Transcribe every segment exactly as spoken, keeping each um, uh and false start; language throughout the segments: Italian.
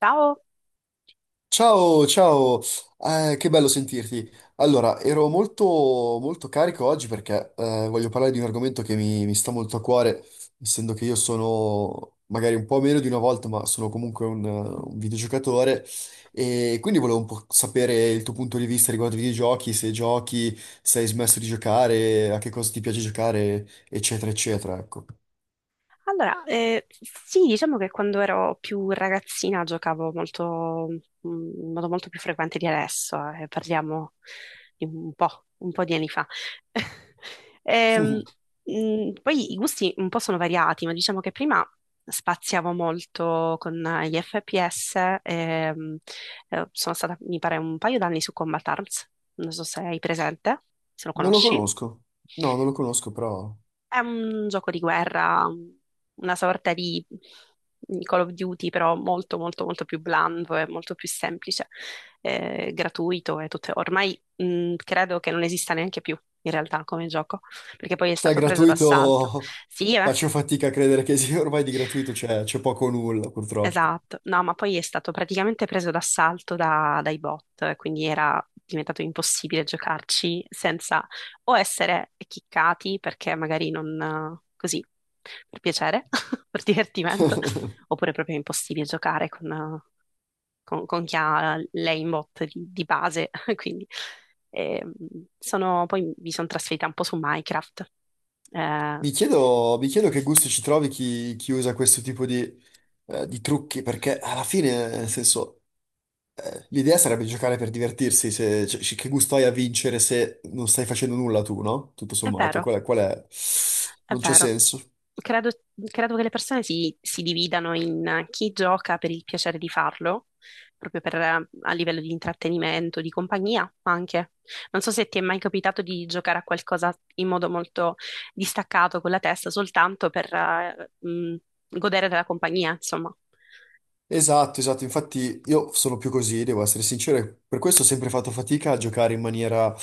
Ciao! Ciao, ciao. Eh, che bello sentirti. Allora, ero molto, molto carico oggi perché eh, voglio parlare di un argomento che mi, mi sta molto a cuore, essendo che io sono magari un po' meno di una volta, ma sono comunque un, eh, un videogiocatore e quindi volevo un po' sapere il tuo punto di vista riguardo ai videogiochi, se giochi, se hai smesso di giocare, a che cosa ti piace giocare, eccetera, eccetera, ecco. Allora, eh, sì, diciamo che quando ero più ragazzina giocavo molto, mm, in modo molto più frequente di adesso, eh, parliamo di un po', un po' di anni fa. Ehm, mm, Poi i gusti un po' sono variati, ma diciamo che prima spaziavo molto con eh, gli F P S, ehm, eh, sono stata, mi pare, un paio d'anni su Combat Arms, non so se hai presente, se lo Non lo conosci. conosco. No, non lo conosco, però... È un gioco di guerra, una sorta di Call of Duty, però molto, molto, molto più blando e molto più semplice, eh, gratuito e tutto. Ormai, mh, credo che non esista neanche più in realtà come gioco, perché poi è Sai, stato preso d'assalto. gratuito Sì, eh. faccio fatica a credere che sia ormai di gratuito c'è c'è poco o nulla, purtroppo. Esatto, no, ma poi è stato praticamente preso d'assalto da- dai bot, quindi era diventato impossibile giocarci senza o essere chiccati perché magari non così per piacere, per divertimento, oppure proprio impossibile giocare con, con- con chi ha l'aimbot di, di base. Quindi ehm, sono- poi mi sono trasferita un po' su Minecraft. Eh, Mi chiedo, mi chiedo che gusti ci trovi chi, chi usa questo tipo di, eh, di trucchi, perché alla fine, nel senso, eh, l'idea sarebbe giocare per divertirsi, se, cioè, che gusto hai a vincere se non stai facendo nulla tu, no? Tutto è sommato, vero, qual è? qual è? è Non c'è vero. senso. Credo, credo che le persone si, si dividano in chi gioca per il piacere di farlo, proprio per, eh, a livello di intrattenimento, di compagnia anche. Non so se ti è mai capitato di giocare a qualcosa in modo molto distaccato con la testa, soltanto per eh, mh, godere della compagnia, insomma. Esatto, esatto, infatti io sono più così, devo essere sincero, e per questo ho sempre fatto fatica a giocare in maniera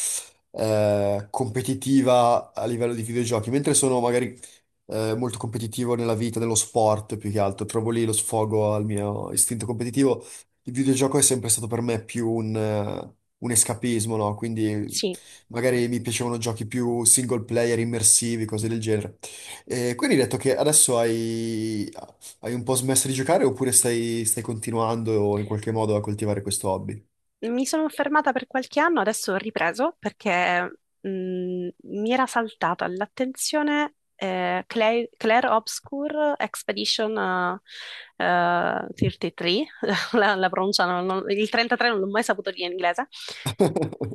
eh, competitiva a livello di videogiochi, mentre sono magari eh, molto competitivo nella vita, nello sport più che altro. Trovo lì lo sfogo al mio istinto competitivo. Il videogioco è sempre stato per me più un, eh, un escapismo, no? Quindi Sì. magari mi piacevano giochi più single player, immersivi, cose del genere. E quindi hai detto che adesso hai, hai un po' smesso di giocare oppure stai, stai continuando in qualche modo a coltivare questo hobby? Mi sono fermata per qualche anno, adesso ho ripreso perché mh, mi era saltata all'attenzione eh, Claire, Claire Obscure Expedition eh, eh, trentatré, la, la pronunciano, non- non- il trentatré non l'ho mai saputo dire in inglese.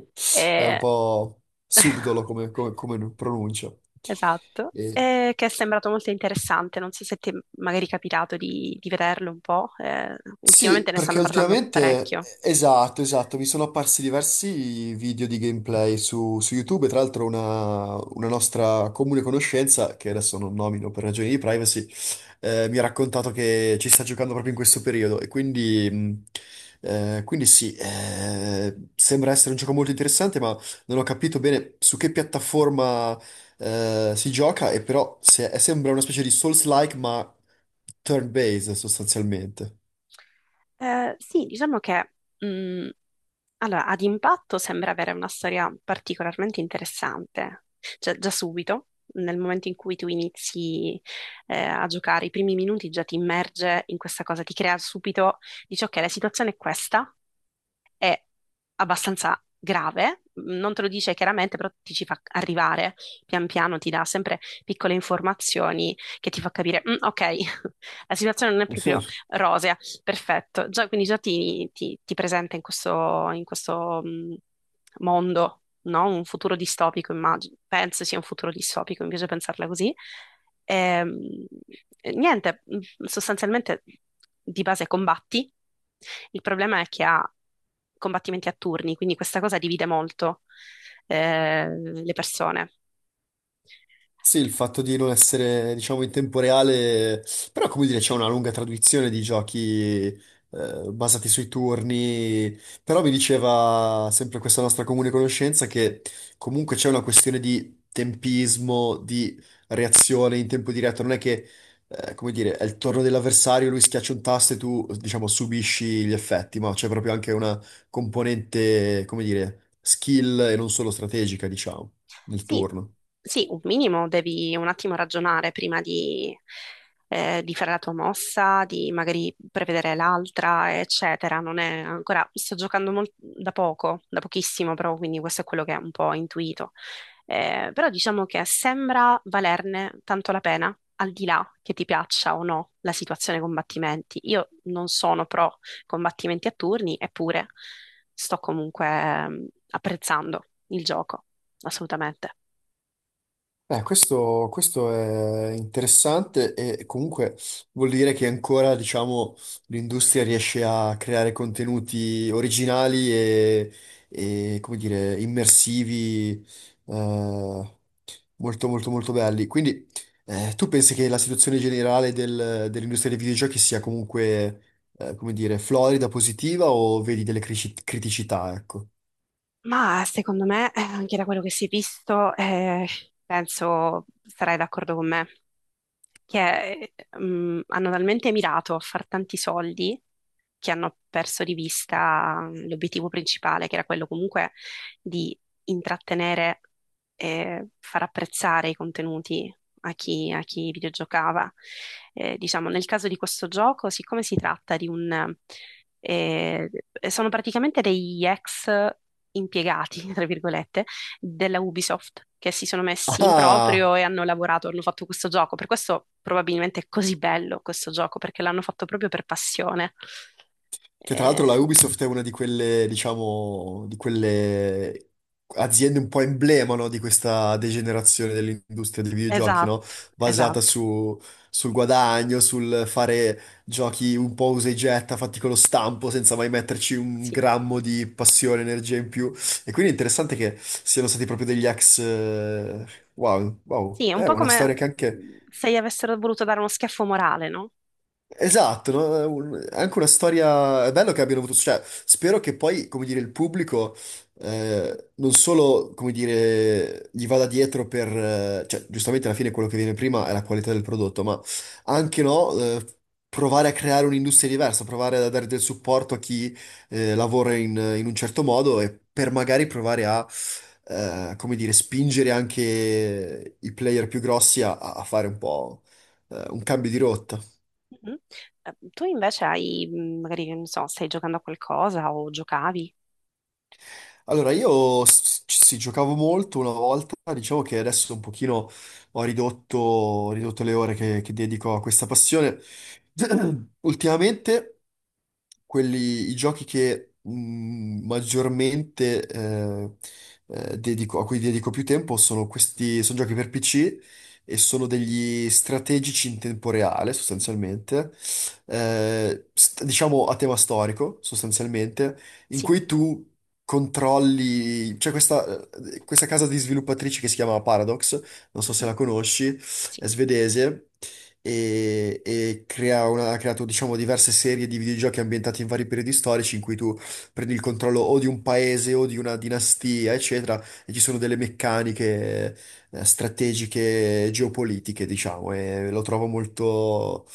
È un Eh, po' subdolo come, come, come pronuncia. esatto, E- eh, che è sembrato molto interessante, non so se ti è magari capitato di, di vederlo un po', eh, Sì, ultimamente ne perché stanno parlando ultimamente, parecchio. esatto, esatto, mi sono apparsi diversi video di gameplay su, su YouTube, e tra l'altro una, una nostra comune conoscenza, che adesso non nomino per ragioni di privacy, eh, mi ha raccontato che ci sta giocando proprio in questo periodo e quindi, mh, eh, quindi sì, eh, sembra essere un gioco molto interessante, ma non ho capito bene su che piattaforma, eh, si gioca e però se- sembra una specie di Souls-like, ma turn-based sostanzialmente. Eh, sì, diciamo che mh, allora, ad impatto sembra avere una storia particolarmente interessante, cioè già subito, nel momento in cui tu inizi eh, a giocare, i primi minuti già ti immerge in questa cosa, ti crea subito, dici ok, la situazione è questa, è abbastanza grave, non te lo dice chiaramente, però ti ci fa arrivare pian piano, ti dà sempre piccole informazioni che ti fa capire, "Mm, ok, la situazione non è proprio rosea, perfetto". Già, quindi già ti, ti- ti presenta in questo, in questo, mm, mondo, no? Un futuro distopico, immagino. Penso sia un futuro distopico, mi piace pensarla così. Ehm, E, niente, mm, sostanzialmente di base combatti. Il problema è che ha combattimenti a turni, quindi questa cosa divide molto, eh, le persone. Sì, il fatto di non essere, diciamo, in tempo reale, però come dire, c'è una lunga tradizione di giochi eh, basati sui turni, però mi diceva sempre questa nostra comune conoscenza che comunque c'è una questione di tempismo, di reazione in tempo diretto, non è che, eh, come dire, è il turno dell'avversario, lui schiaccia un tasto e tu, diciamo, subisci gli effetti, ma c'è proprio anche una componente, come dire, skill e non solo strategica, diciamo, nel Sì, turno. sì, un minimo devi un attimo ragionare prima di, eh, di fare la tua mossa, di magari prevedere l'altra, eccetera. Non è ancora, sto giocando mol- da poco, da pochissimo, però, quindi questo è quello che è un po' ho intuito. Eh, però diciamo che sembra valerne tanto la pena, al di là che ti piaccia o no la situazione combattimenti. Io non sono pro combattimenti a turni, eppure sto comunque mm, apprezzando il gioco, assolutamente. Eh, questo, questo è interessante e comunque vuol dire che ancora, diciamo, l'industria riesce a creare contenuti originali e, e, come dire, immersivi, eh, molto, molto, molto belli. Quindi, eh, tu pensi che la situazione generale del- dell'industria dei videogiochi sia comunque, eh, come dire, florida, positiva o vedi delle crici- criticità, ecco? Ma secondo me, eh, anche da quello che si è visto, eh, penso sarai d'accordo con me, che mm, hanno talmente mirato a far tanti soldi che hanno perso di vista mm, l'obiettivo principale, che era quello comunque di intrattenere e far apprezzare i contenuti a chi, a chi videogiocava. Eh, diciamo, nel caso di questo gioco, siccome si tratta di un... eh, sono praticamente degli ex impiegati, tra virgolette, della Ubisoft che si sono messi in Ah! proprio e hanno lavorato, hanno fatto questo gioco. Per questo probabilmente è così bello questo gioco, perché l'hanno fatto proprio per passione. Che tra l'altro Eh, la Ubisoft è una di quelle, diciamo, di quelle aziende un po' emblema, no, di questa degenerazione dell'industria dei videogiochi, no? esatto, Basata esatto, su- Sul guadagno, sul fare giochi un po' usa e getta, fatti con lo stampo, senza mai metterci un sì. grammo di passione, energia in più. E quindi è interessante che siano stati proprio degli ex... eh, wow, wow. Sì, è un È po' una storia come che anche mhmm, se gli avessero voluto dare uno schiaffo morale, no? esatto, no? È un- è anche una storia. È bello che abbiano avuto. Cioè, spero che poi, come dire, il pubblico eh, non solo, come dire, gli vada dietro per. eh, cioè, giustamente alla fine quello che viene prima è la qualità del prodotto, ma anche no, eh, provare a creare un'industria diversa, provare a dare del supporto a chi eh, lavora in, in un certo modo e per magari provare a. eh, come dire, spingere anche i player più grossi a, a fare un po' eh, un cambio di rotta. Mhm. Eh, tu invece hai, mh, magari, che non so, stai giocando a qualcosa o giocavi? Allora, io s- ci sì, giocavo molto una volta, diciamo che adesso un pochino ho ridotto, ho ridotto le ore che, che dedico a questa passione. Ultimamente, quelli, i giochi che mh, maggiormente eh, eh, dedico, a cui dedico più tempo sono questi, sono giochi per P C e sono degli strategici in tempo reale, sostanzialmente. Eh, st- diciamo a tema storico, sostanzialmente in Sì. cui tu controlli, c'è questa, questa casa di sviluppatrici che si chiama Paradox, non so se Mhm. la conosci, è Sì. svedese e, e crea una- ha creato diciamo diverse serie di videogiochi ambientati in vari periodi storici in cui tu prendi il controllo o di un paese o di una dinastia, eccetera, e ci sono delle meccaniche eh, strategiche geopolitiche, diciamo, e lo trovo molto,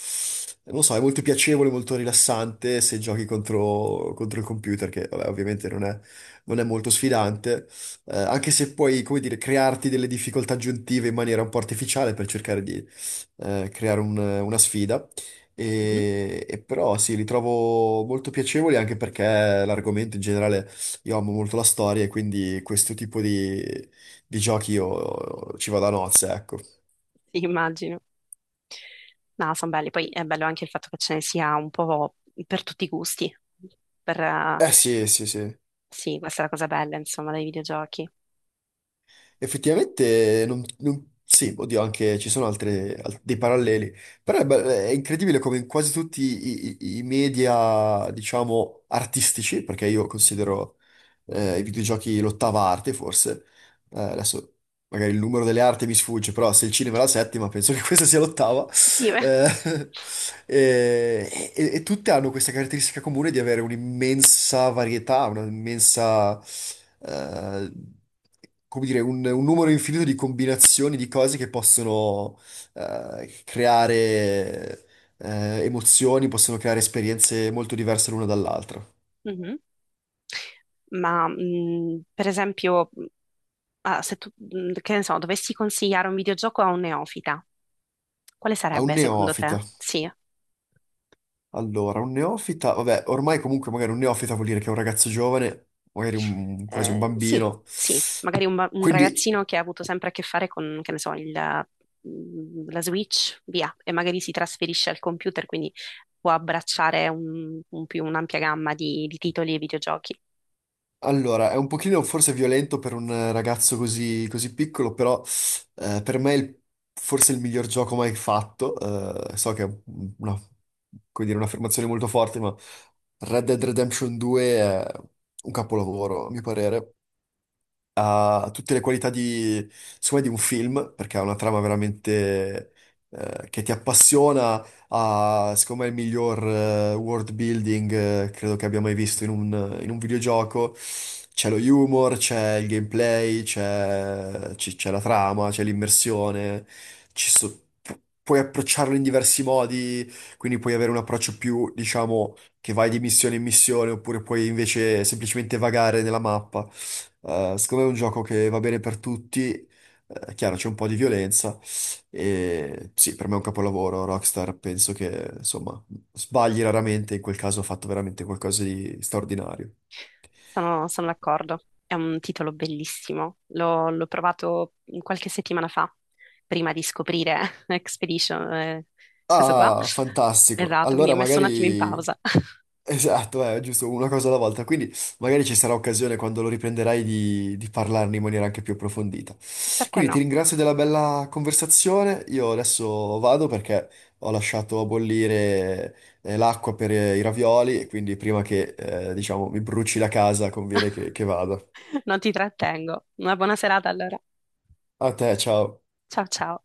non lo so, è molto piacevole, molto rilassante se giochi contro, contro il computer, che vabbè, ovviamente non è, non è molto sfidante, eh, anche se puoi, come dire, crearti delle difficoltà aggiuntive in maniera un po' artificiale per cercare di eh, creare un- una sfida. Mhm. E, e però sì, li trovo molto piacevoli anche perché l'argomento in generale io amo molto la storia e quindi questo tipo di, di giochi io ci vado a nozze, ecco. Sì, immagino. No, sono belli. Poi è bello anche il fatto che ce ne sia un po' per tutti i gusti. Per, eh, Eh sì, sì, sì. sì, questa è la cosa bella, insomma, dei videogiochi. Io- Effettivamente, non, non- sì, oddio, anche ci sono altre, al- dei paralleli. Però è, be- è incredibile come in quasi tutti i, i- i media, diciamo, artistici, perché io considero eh, i videogiochi l'ottava arte, forse. Eh, adesso magari il numero delle arti mi sfugge, però se il cinema è la settima, penso che questa sia l'ottava. sì, beh. Eh, e, e- e tutte hanno questa caratteristica comune di avere un'immensa varietà, un'immensa, eh, come dire, un, un numero infinito di combinazioni di cose che possono, eh, creare, eh, emozioni, possono creare esperienze molto diverse l'una dall'altra. Mhm. Ma mh, per esempio, mh, ah, se tu, mh, che ne so, dovessi consigliare un videogioco a un neofita, quale A un sarebbe secondo neofita. te? Sì. Allora, un neofita, vabbè, ormai comunque magari un neofita vuol dire che è un ragazzo giovane, magari un- quasi un Eh, sì, bambino. sì, magari un, ba- un Quindi ragazzino che ha avuto sempre a che fare con, che ne so, il- mm, la Switch, via, e magari si trasferisce al computer, quindi può abbracciare un- un più un'ampia gamma di, di titoli e videogiochi. allora, è un pochino forse violento per un ragazzo così, così piccolo, però eh, per me è il- forse il miglior gioco mai fatto. Eh, so che è una, come dire, un'affermazione molto forte, ma Red Dead Redemption due è un capolavoro, a mio parere ha tutte le qualità di, secondo me, di un film, perché ha una trama veramente eh, che ti appassiona, ha, secondo me, il miglior eh, world building eh, credo che abbia mai visto in un, in un videogioco. C'è lo humor, c'è il gameplay, c'è c- c'è la trama, c'è l'immersione, ci so- pu- puoi approcciarlo in diversi modi, quindi puoi avere un approccio più, diciamo, che vai di missione in missione, oppure puoi invece semplicemente vagare nella mappa. Eh, secondo me è un gioco che va bene per tutti, eh, chiaro c'è un po' di violenza e sì, per me è un capolavoro, Rockstar penso che insomma sbagli raramente, in quel caso ha fatto veramente qualcosa di straordinario. Sono, sono d'accordo, è un titolo bellissimo, l'ho l'ho provato qualche settimana fa, prima di scoprire Expedition, eh, questo qua. Ah, fantastico, Esatto, quindi è allora messo un attimo in magari pausa. esatto, è giusto, una cosa alla volta. Quindi magari ci sarà occasione quando lo riprenderai di, di parlarne in maniera anche più approfondita. Perché Quindi ti no? ringrazio della bella conversazione. Io adesso vado perché ho lasciato a bollire eh, l'acqua per eh, i ravioli e quindi prima che eh, diciamo mi bruci la casa conviene che, che vada. Non ti trattengo. Una buona serata allora. A te, ciao. Ciao ciao.